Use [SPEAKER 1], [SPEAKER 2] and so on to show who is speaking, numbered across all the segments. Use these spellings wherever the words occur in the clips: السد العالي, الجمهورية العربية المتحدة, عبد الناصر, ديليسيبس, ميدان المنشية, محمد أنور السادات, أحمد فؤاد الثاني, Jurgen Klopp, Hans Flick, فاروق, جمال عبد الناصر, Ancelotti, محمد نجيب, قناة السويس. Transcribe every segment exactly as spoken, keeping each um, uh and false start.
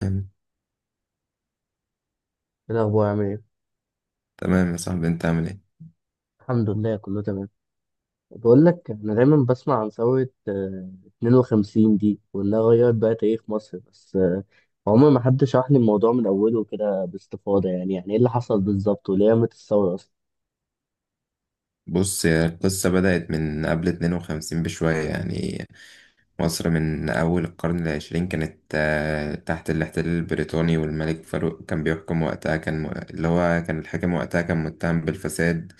[SPEAKER 1] تمام،
[SPEAKER 2] إيه الأخبار عامل إيه؟
[SPEAKER 1] تمام، يا صاحبي، انت عامل ايه؟
[SPEAKER 2] الحمد لله كله تمام. بقول لك أنا دايما بسمع عن ثورة آه، اتنين وخمسين دي وإنها غيرت بقى تاريخ مصر، بس آه، عمر ما حد شرح لي الموضوع من أوله كده باستفاضة، يعني يعني إيه اللي حصل بالظبط وليه قامت الثورة أصلا؟
[SPEAKER 1] بص يا، القصة بدأت من قبل اثنين وخمسين بشوية، يعني مصر من أول القرن العشرين كانت آه، تحت الاحتلال البريطاني. والملك فاروق كان بيحكم وقتها، كان م- اللي هو كان الحاكم وقتها، كان متهم بالفساد.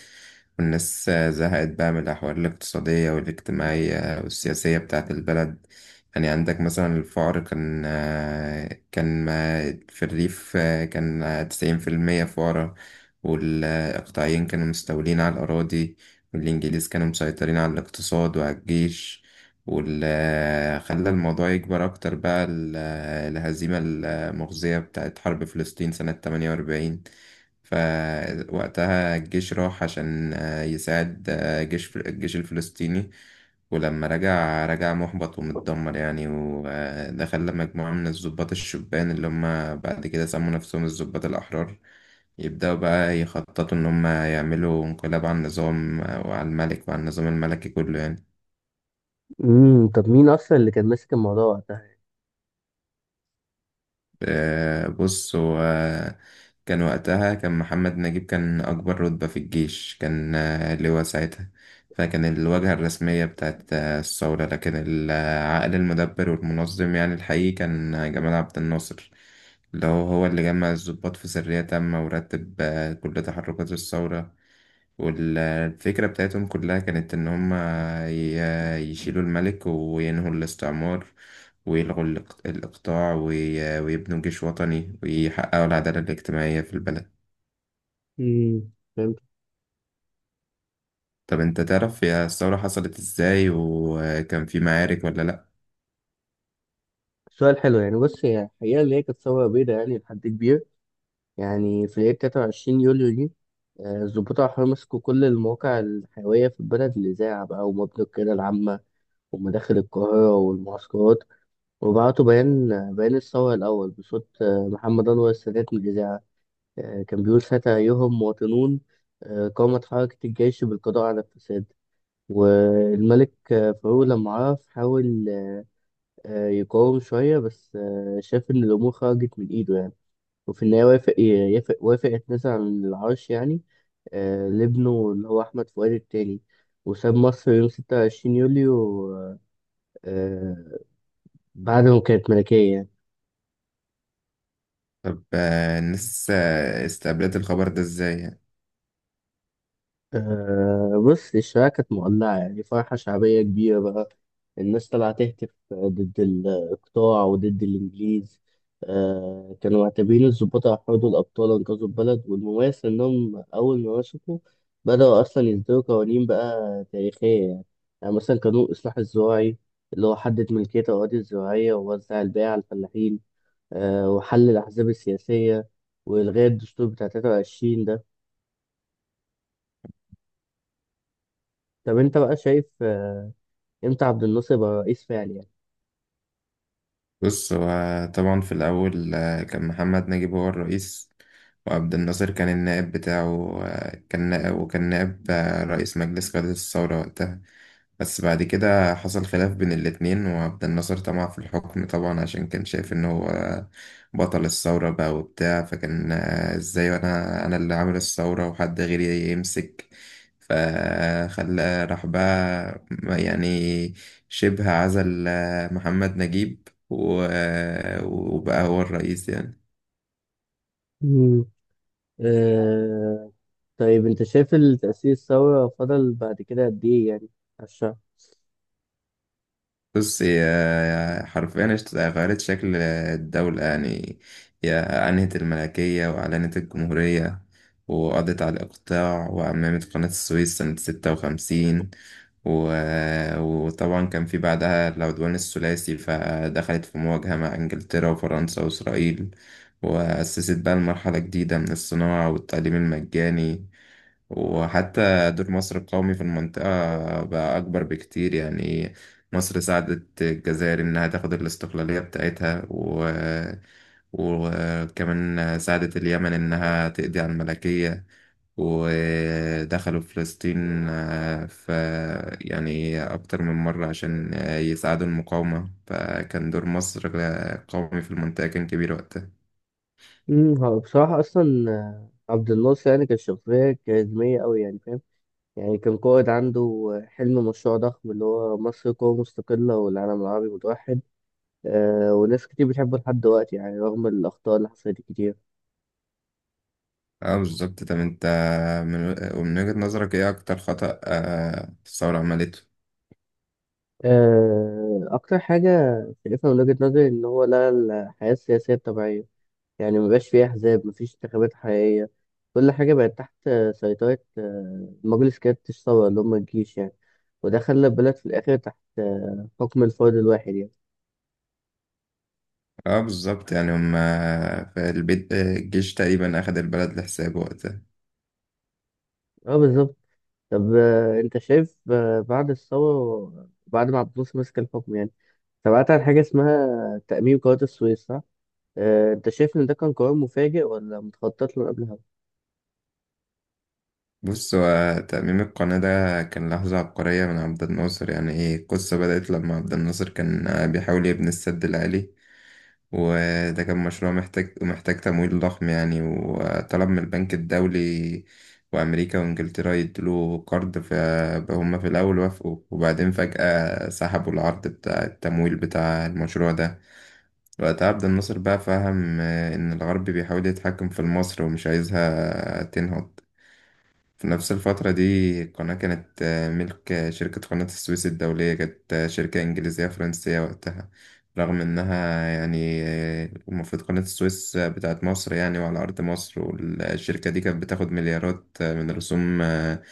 [SPEAKER 1] والناس آه، زهقت بقى من الأحوال الاقتصادية والاجتماعية والسياسية بتاعة البلد. يعني عندك مثلا الفقر كان، آه، كان ما- في الريف، آه، كان تسعين في المية فقراء. والإقطاعيين كانوا مستولين على الأراضي، والإنجليز كانوا مسيطرين على الاقتصاد وعلى الجيش. واللي خلى الموضوع يكبر أكتر بقى ال- آه، الهزيمة المخزية بتاعت حرب فلسطين سنة تمانية وأربعين. فوقتها الجيش راح عشان آه، يساعد آه، جيش فل- الجيش الفلسطيني، ولما رجع رجع محبط ومتدمر، يعني وده خلى مجموعة من الضباط الشبان، اللي هم بعد كده سموا نفسهم الضباط الأحرار، يبدأوا بقى يخططوا إن هم يعملوا انقلاب على النظام، آه، وعلى الملك وعلى النظام الملكي كله، يعني.
[SPEAKER 2] امم طب مين أصلا اللي كان ماسك الموضوع وقتها؟
[SPEAKER 1] آه، بص هو، كان وقتها كان محمد نجيب، كان أكبر رتبة في الجيش، كان آه، لواء ساعتها. فكان الواجهة الرسمية بتاعت آه، الثورة، لكن العقل المدبر والمنظم، يعني الحقيقي، كان جمال عبد الناصر، اللي هو هو اللي جمع الضباط في سرية تامة، ورتب آه، كل تحركات الثورة. والفكرة بتاعتهم كلها كانت إن هما ي- يشيلوا الملك وينهوا الاستعمار، ويلغوا الإق- الإقطاع، وي- ويبنوا جيش وطني، ويحققوا العدالة الاجتماعية في البلد.
[SPEAKER 2] امم فهمت.
[SPEAKER 1] طب أنت تعرف يا الثورة حصلت إزاي وكان في معارك ولا لأ؟
[SPEAKER 2] سؤال حلو. يعني بص، هي الحقيقة اللي هي كانت ثورة بيضاء يعني لحد كبير. يعني في ليلة تلاتة وعشرين يوليو دي آه، الضباط الأحرار مسكوا كل المواقع الحيوية في البلد، الإذاعة بقى ومبنى القيادة العامة ومداخل القاهرة والمعسكرات، وبعتوا بيان. بيان الثورة الأول بصوت آه، محمد أنور السادات من الإذاعة. آه، كان بيقول ساعتها: أيها المواطنون، آه، قامت حركة الجيش بالقضاء على الفساد. والملك آه، فاروق لما عرف حاول آه، يقاوم شوية، بس آه، شاف إن الأمور خرجت من إيده يعني، وفي النهاية وافق يافق- وافق يتنازل عن العرش يعني، آه، لابنه اللي هو أحمد فؤاد التاني، وساب مصر يوم ستة وعشرين يوليو، آه، بعد ما كانت ملكية يعني.
[SPEAKER 1] طب آه، الناس آه، استقبلت الخبر ده إزاي؟ يعني؟
[SPEAKER 2] أه، بص، الشوارع كانت مولعة يعني فرحة شعبية كبيرة بقى، الناس طالعة تهتف ضد الإقطاع وضد الإنجليز. أه كانوا معتبرين الضباط هيحرضوا الأبطال أنقذوا البلد. والمميز إنهم أول ما مسكوا بدأوا أصلا يصدروا قوانين بقى تاريخية يعني، يعني مثلا قانون الإصلاح الزراعي اللي هو حدد ملكية الأراضي الزراعية ووزع البيع على الفلاحين. أه وحل الأحزاب السياسية وإلغاء الدستور بتاع تلاتة وعشرين. طب انت بقى شايف آه، امتى عبد الناصر يبقى رئيس فعلي يعني؟
[SPEAKER 1] بص هو، طبعا في الأول آه، كان محمد نجيب هو الرئيس، وعبد الناصر كان النائب بتاعه، آه، كان نائب، وكان نائب آه، رئيس مجلس قيادة الثورة وقتها. بس بعد كده حصل خلاف بين الاتنين، وعبد الناصر طمع في الحكم طبعا، عشان كان شايف ان هو بطل الثورة بقى وبتاع، فكان آه، ازاي انا انا اللي عامل الثورة وحد غيري يمسك، فخلى راح بقى، يعني شبه عزل آه، محمد نجيب و- آه، وبقى هو الرئيس، يعني.
[SPEAKER 2] مم. اه، طيب انت شايف التأسيس الثورة فضل بعد كده قد ايه يعني على الشعب؟
[SPEAKER 1] بص هي حرفيا اشت- غيرت شكل الدولة، يعني هي أنهت الملكية وأعلنت الجمهورية، وقضت على الإقطاع، وعممت قناة السويس سنة ستة وخمسين، و... وطبعا كان في بعدها العدوان الثلاثي، فدخلت في مواجهة مع إنجلترا وفرنسا وإسرائيل، وأسست بقى المرحلة الجديدة من الصناعة والتعليم المجاني، وحتى دور مصر القومي في المنطقة بقى أكبر بكتير، يعني. مصر ساعدت الجزائر إنها تاخد الاستقلالية بتاعتها، و... وكمان ساعدت اليمن إنها تقضي على الملكية، ودخلوا فلسطين، آه، ف يعني أكتر من مرة عشان آه، يساعدوا المقاومة، فكان دور مصر آه، قومي في المنطقة، كان كبير وقتها.
[SPEAKER 2] امم، هو بصراحة اصلا آه، عبد الناصر يعني كان شخصية كاريزمية أوي يعني، فاهم؟ يعني كان قائد عنده حلم، مشروع ضخم اللي هو مصر قوة مستقلة والعالم العربي متوحد. أه وناس كتير بتحبه لحد دلوقتي يعني، رغم الأخطاء اللي حصلت كتير.
[SPEAKER 1] اه بالظبط. طب انت، من ومن وجهة نظرك ايه اكتر خطأ آه، الثورة عملته؟
[SPEAKER 2] أه، أكتر حاجة شايفها من وجهة نظري إن هو لغى الحياة السياسية الطبيعية، يعني مبقاش فيه أحزاب، مفيش انتخابات حقيقية. كل حاجة بقت تحت سيطرة آه، مجلس قيادة الثورة اللي هم الجيش يعني، وده خلى البلد في الآخر تحت آه، حكم الفرد الواحد يعني.
[SPEAKER 1] اه بالظبط، يعني هم في البيت، الجيش تقريبا اخد البلد لحسابه وقتها.
[SPEAKER 2] اه بالظبط. طب آه، انت شايف آه، بعد الثورة بعد ما عبد الناصر مسك الحكم يعني، سمعت عن حاجة اسمها تأميم قناة السويس، صح؟ آه، انت شايف ان ده كان قرار مفاجئ ولا متخطط له من قبلها؟
[SPEAKER 1] بص هو ترميم القناة ده كان لحظة عبقرية من عبد الناصر، يعني ايه، القصة بدأت لما عبد الناصر كان بيحاول يبني السد العالي، وده كان مشروع محتاج محتاج تمويل ضخم، يعني وطلب من البنك الدولي وأمريكا وإنجلترا يدلوا قرض، فهم في الأول وافقوا وبعدين فجأة سحبوا العرض بتاع التمويل بتاع المشروع ده. وقتها عبد الناصر بقى فهم آه، إن الغرب بيحاول يتحكم في مصر ومش عايزها تنهض. في نفس الفترة دي القناة كانت آه، ملك آه، شركة قناة السويس الدولية، كانت آه، شركة إنجليزية فرنسية وقتها، رغم إنها يعني آه، المفروض قناة السويس آه، بتاعت مصر، يعني وعلى أرض مصر. والشركة دي كانت بتاخد مليارات آه، من رسوم آه،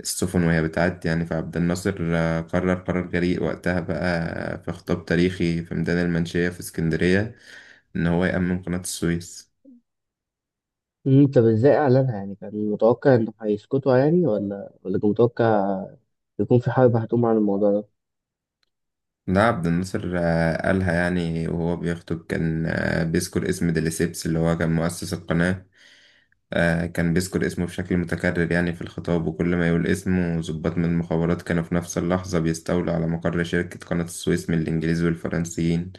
[SPEAKER 1] السفن وهي بتعدي، يعني فعبد الناصر آه، قرر قرار جريء وقتها بقى في خطاب تاريخي في ميدان المنشية في اسكندرية، إن هو يأمن قناة السويس.
[SPEAKER 2] امم طب ازاي اعلنها يعني؟ كان متوقع انه هيسكتوا يعني، ولا ولا كان متوقع يكون في حرب هتقوم عن الموضوع ده؟
[SPEAKER 1] ده عبد الناصر آه، قالها يعني وهو بيخطب، كان آه، بيذكر اسم ديليسيبس اللي هو كان مؤسس القناة، آه، كان بيذكر اسمه بشكل متكرر يعني في الخطاب، وكل ما يقول اسمه ضباط من المخابرات كانوا في نفس اللحظة بيستولوا على مقر شركة قناة السويس من الإنجليز والفرنسيين،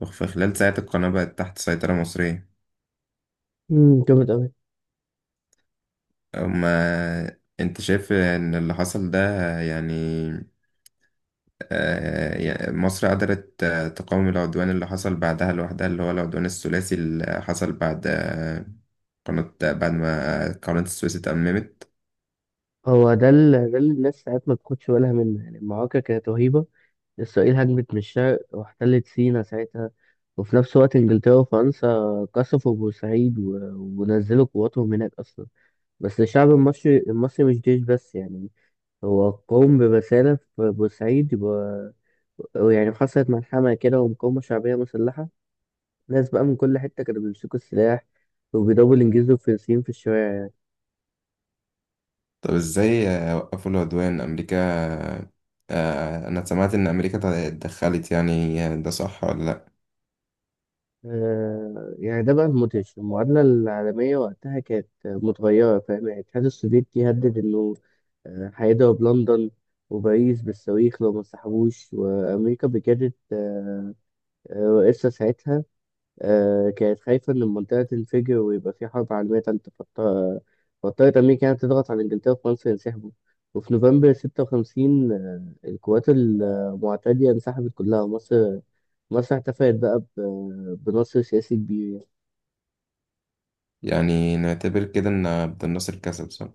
[SPEAKER 1] وفي خلال ساعة القناة بقت تحت سيطرة مصرية.
[SPEAKER 2] امم جامد قوي.
[SPEAKER 1] أما أنت شايف إن اللي حصل ده، يعني آه، يا- مصر قدرت آه، تقاوم العدوان اللي حصل بعدها لوحدها، اللي هو العدوان الثلاثي اللي حصل بعد آه، قناة بعد ما قناة السويس اتأممت.
[SPEAKER 2] هو ده اللي ده اللي الناس ساعات ما بتاخدش بالها منه يعني، المعركه كانت رهيبه. اسرائيل هجمت من الشرق واحتلت سينا ساعتها، وفي نفس الوقت انجلترا وفرنسا قصفوا بورسعيد و... ونزلوا قواتهم هناك اصلا. بس الشعب المصري المصري مش جيش بس يعني، هو قوم برساله في بورسعيد يبقى. يعني حصلت ملحمه كده ومقاومه شعبيه مسلحه، ناس بقى من كل حته كانوا بيمسكوا السلاح وبيضربوا الانجليز والفرنسيين في الشوارع.
[SPEAKER 1] طب ازاي آه، وقفوا العدوان أمريكا؟ آه، أنا سمعت إن أمريكا تع- اتدخلت، يعني آه، ده صح ولا لأ؟
[SPEAKER 2] آه، يعني ده بقى المدهش، المعادلة العالمية وقتها كانت متغيرة، فاهم يعني. الاتحاد السوفيتي هدد إنه آه، هيضرب لندن وباريس بالصواريخ لو ما انسحبوش. وأمريكا بجدت، آه، آه، رئيسها ساعتها آه، كانت خايفة إن المنطقة تنفجر ويبقى في حرب عالمية تالتة، فاضطر- فاضطرت أمريكا يعني تضغط على إنجلترا وفرنسا ينسحبوا. وفي نوفمبر ستة وخمسين آه، القوات المعتدية انسحبت كلها، ومصر مصر احتفلت بقى ب- بنصر سياسي كبير.
[SPEAKER 1] يعني نعتبر كده إن عبد الناصر كسب، صح؟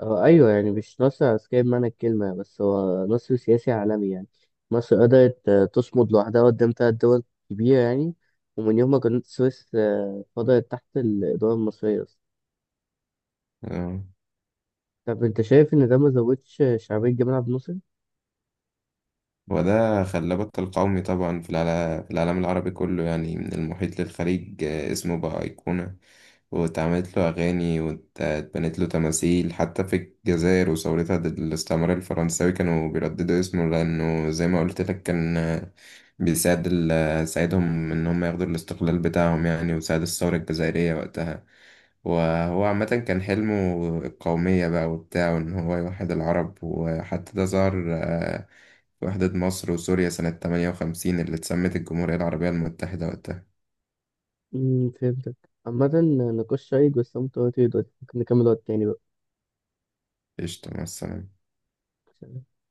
[SPEAKER 2] آه، أيوه يعني مش نصر عسكري بمعنى الكلمة، بس هو نصر سياسي عالمي يعني. مصر قدرت آه، تصمد لوحدها قدام تلات دول كبيرة يعني، ومن يوم ما كانت السويس آه، فضلت تحت الإدارة المصرية أصلا.
[SPEAKER 1] آه.
[SPEAKER 2] طب أنت شايف إن ده ما زودش شعبية جمال عبد الناصر؟
[SPEAKER 1] وده خلى بطل قومي طبعا في العلا- في العالم العربي كله، يعني من المحيط للخليج آه، اسمه بقى أيقونة، واتعملت له أغاني واتبنت له تماثيل حتى في الجزائر. وثورتها ضد الاستعمار الفرنساوي كانوا بيرددوا اسمه، لأنه زي ما قلت لك كان آه، بيساعد ال- ساعدهم إن هم ياخدوا الاستقلال بتاعهم، يعني وساعد الثورة الجزائرية وقتها. وهو عامة كان حلمه القومية بقى وبتاعه، إن هو يوحد العرب، وحتى ده ظهر آه، وحدة مصر وسوريا سنة ثمانية وخمسين اللي اتسمت الجمهورية العربية المتحدة وقتها.
[SPEAKER 2] امم فهمتك. عامة نقاش شيق، بس أنا مضطر أطير دلوقتي، ممكن نكمل وقت تاني بقى.
[SPEAKER 1] قشطة، مع السلامة.
[SPEAKER 2] سلام.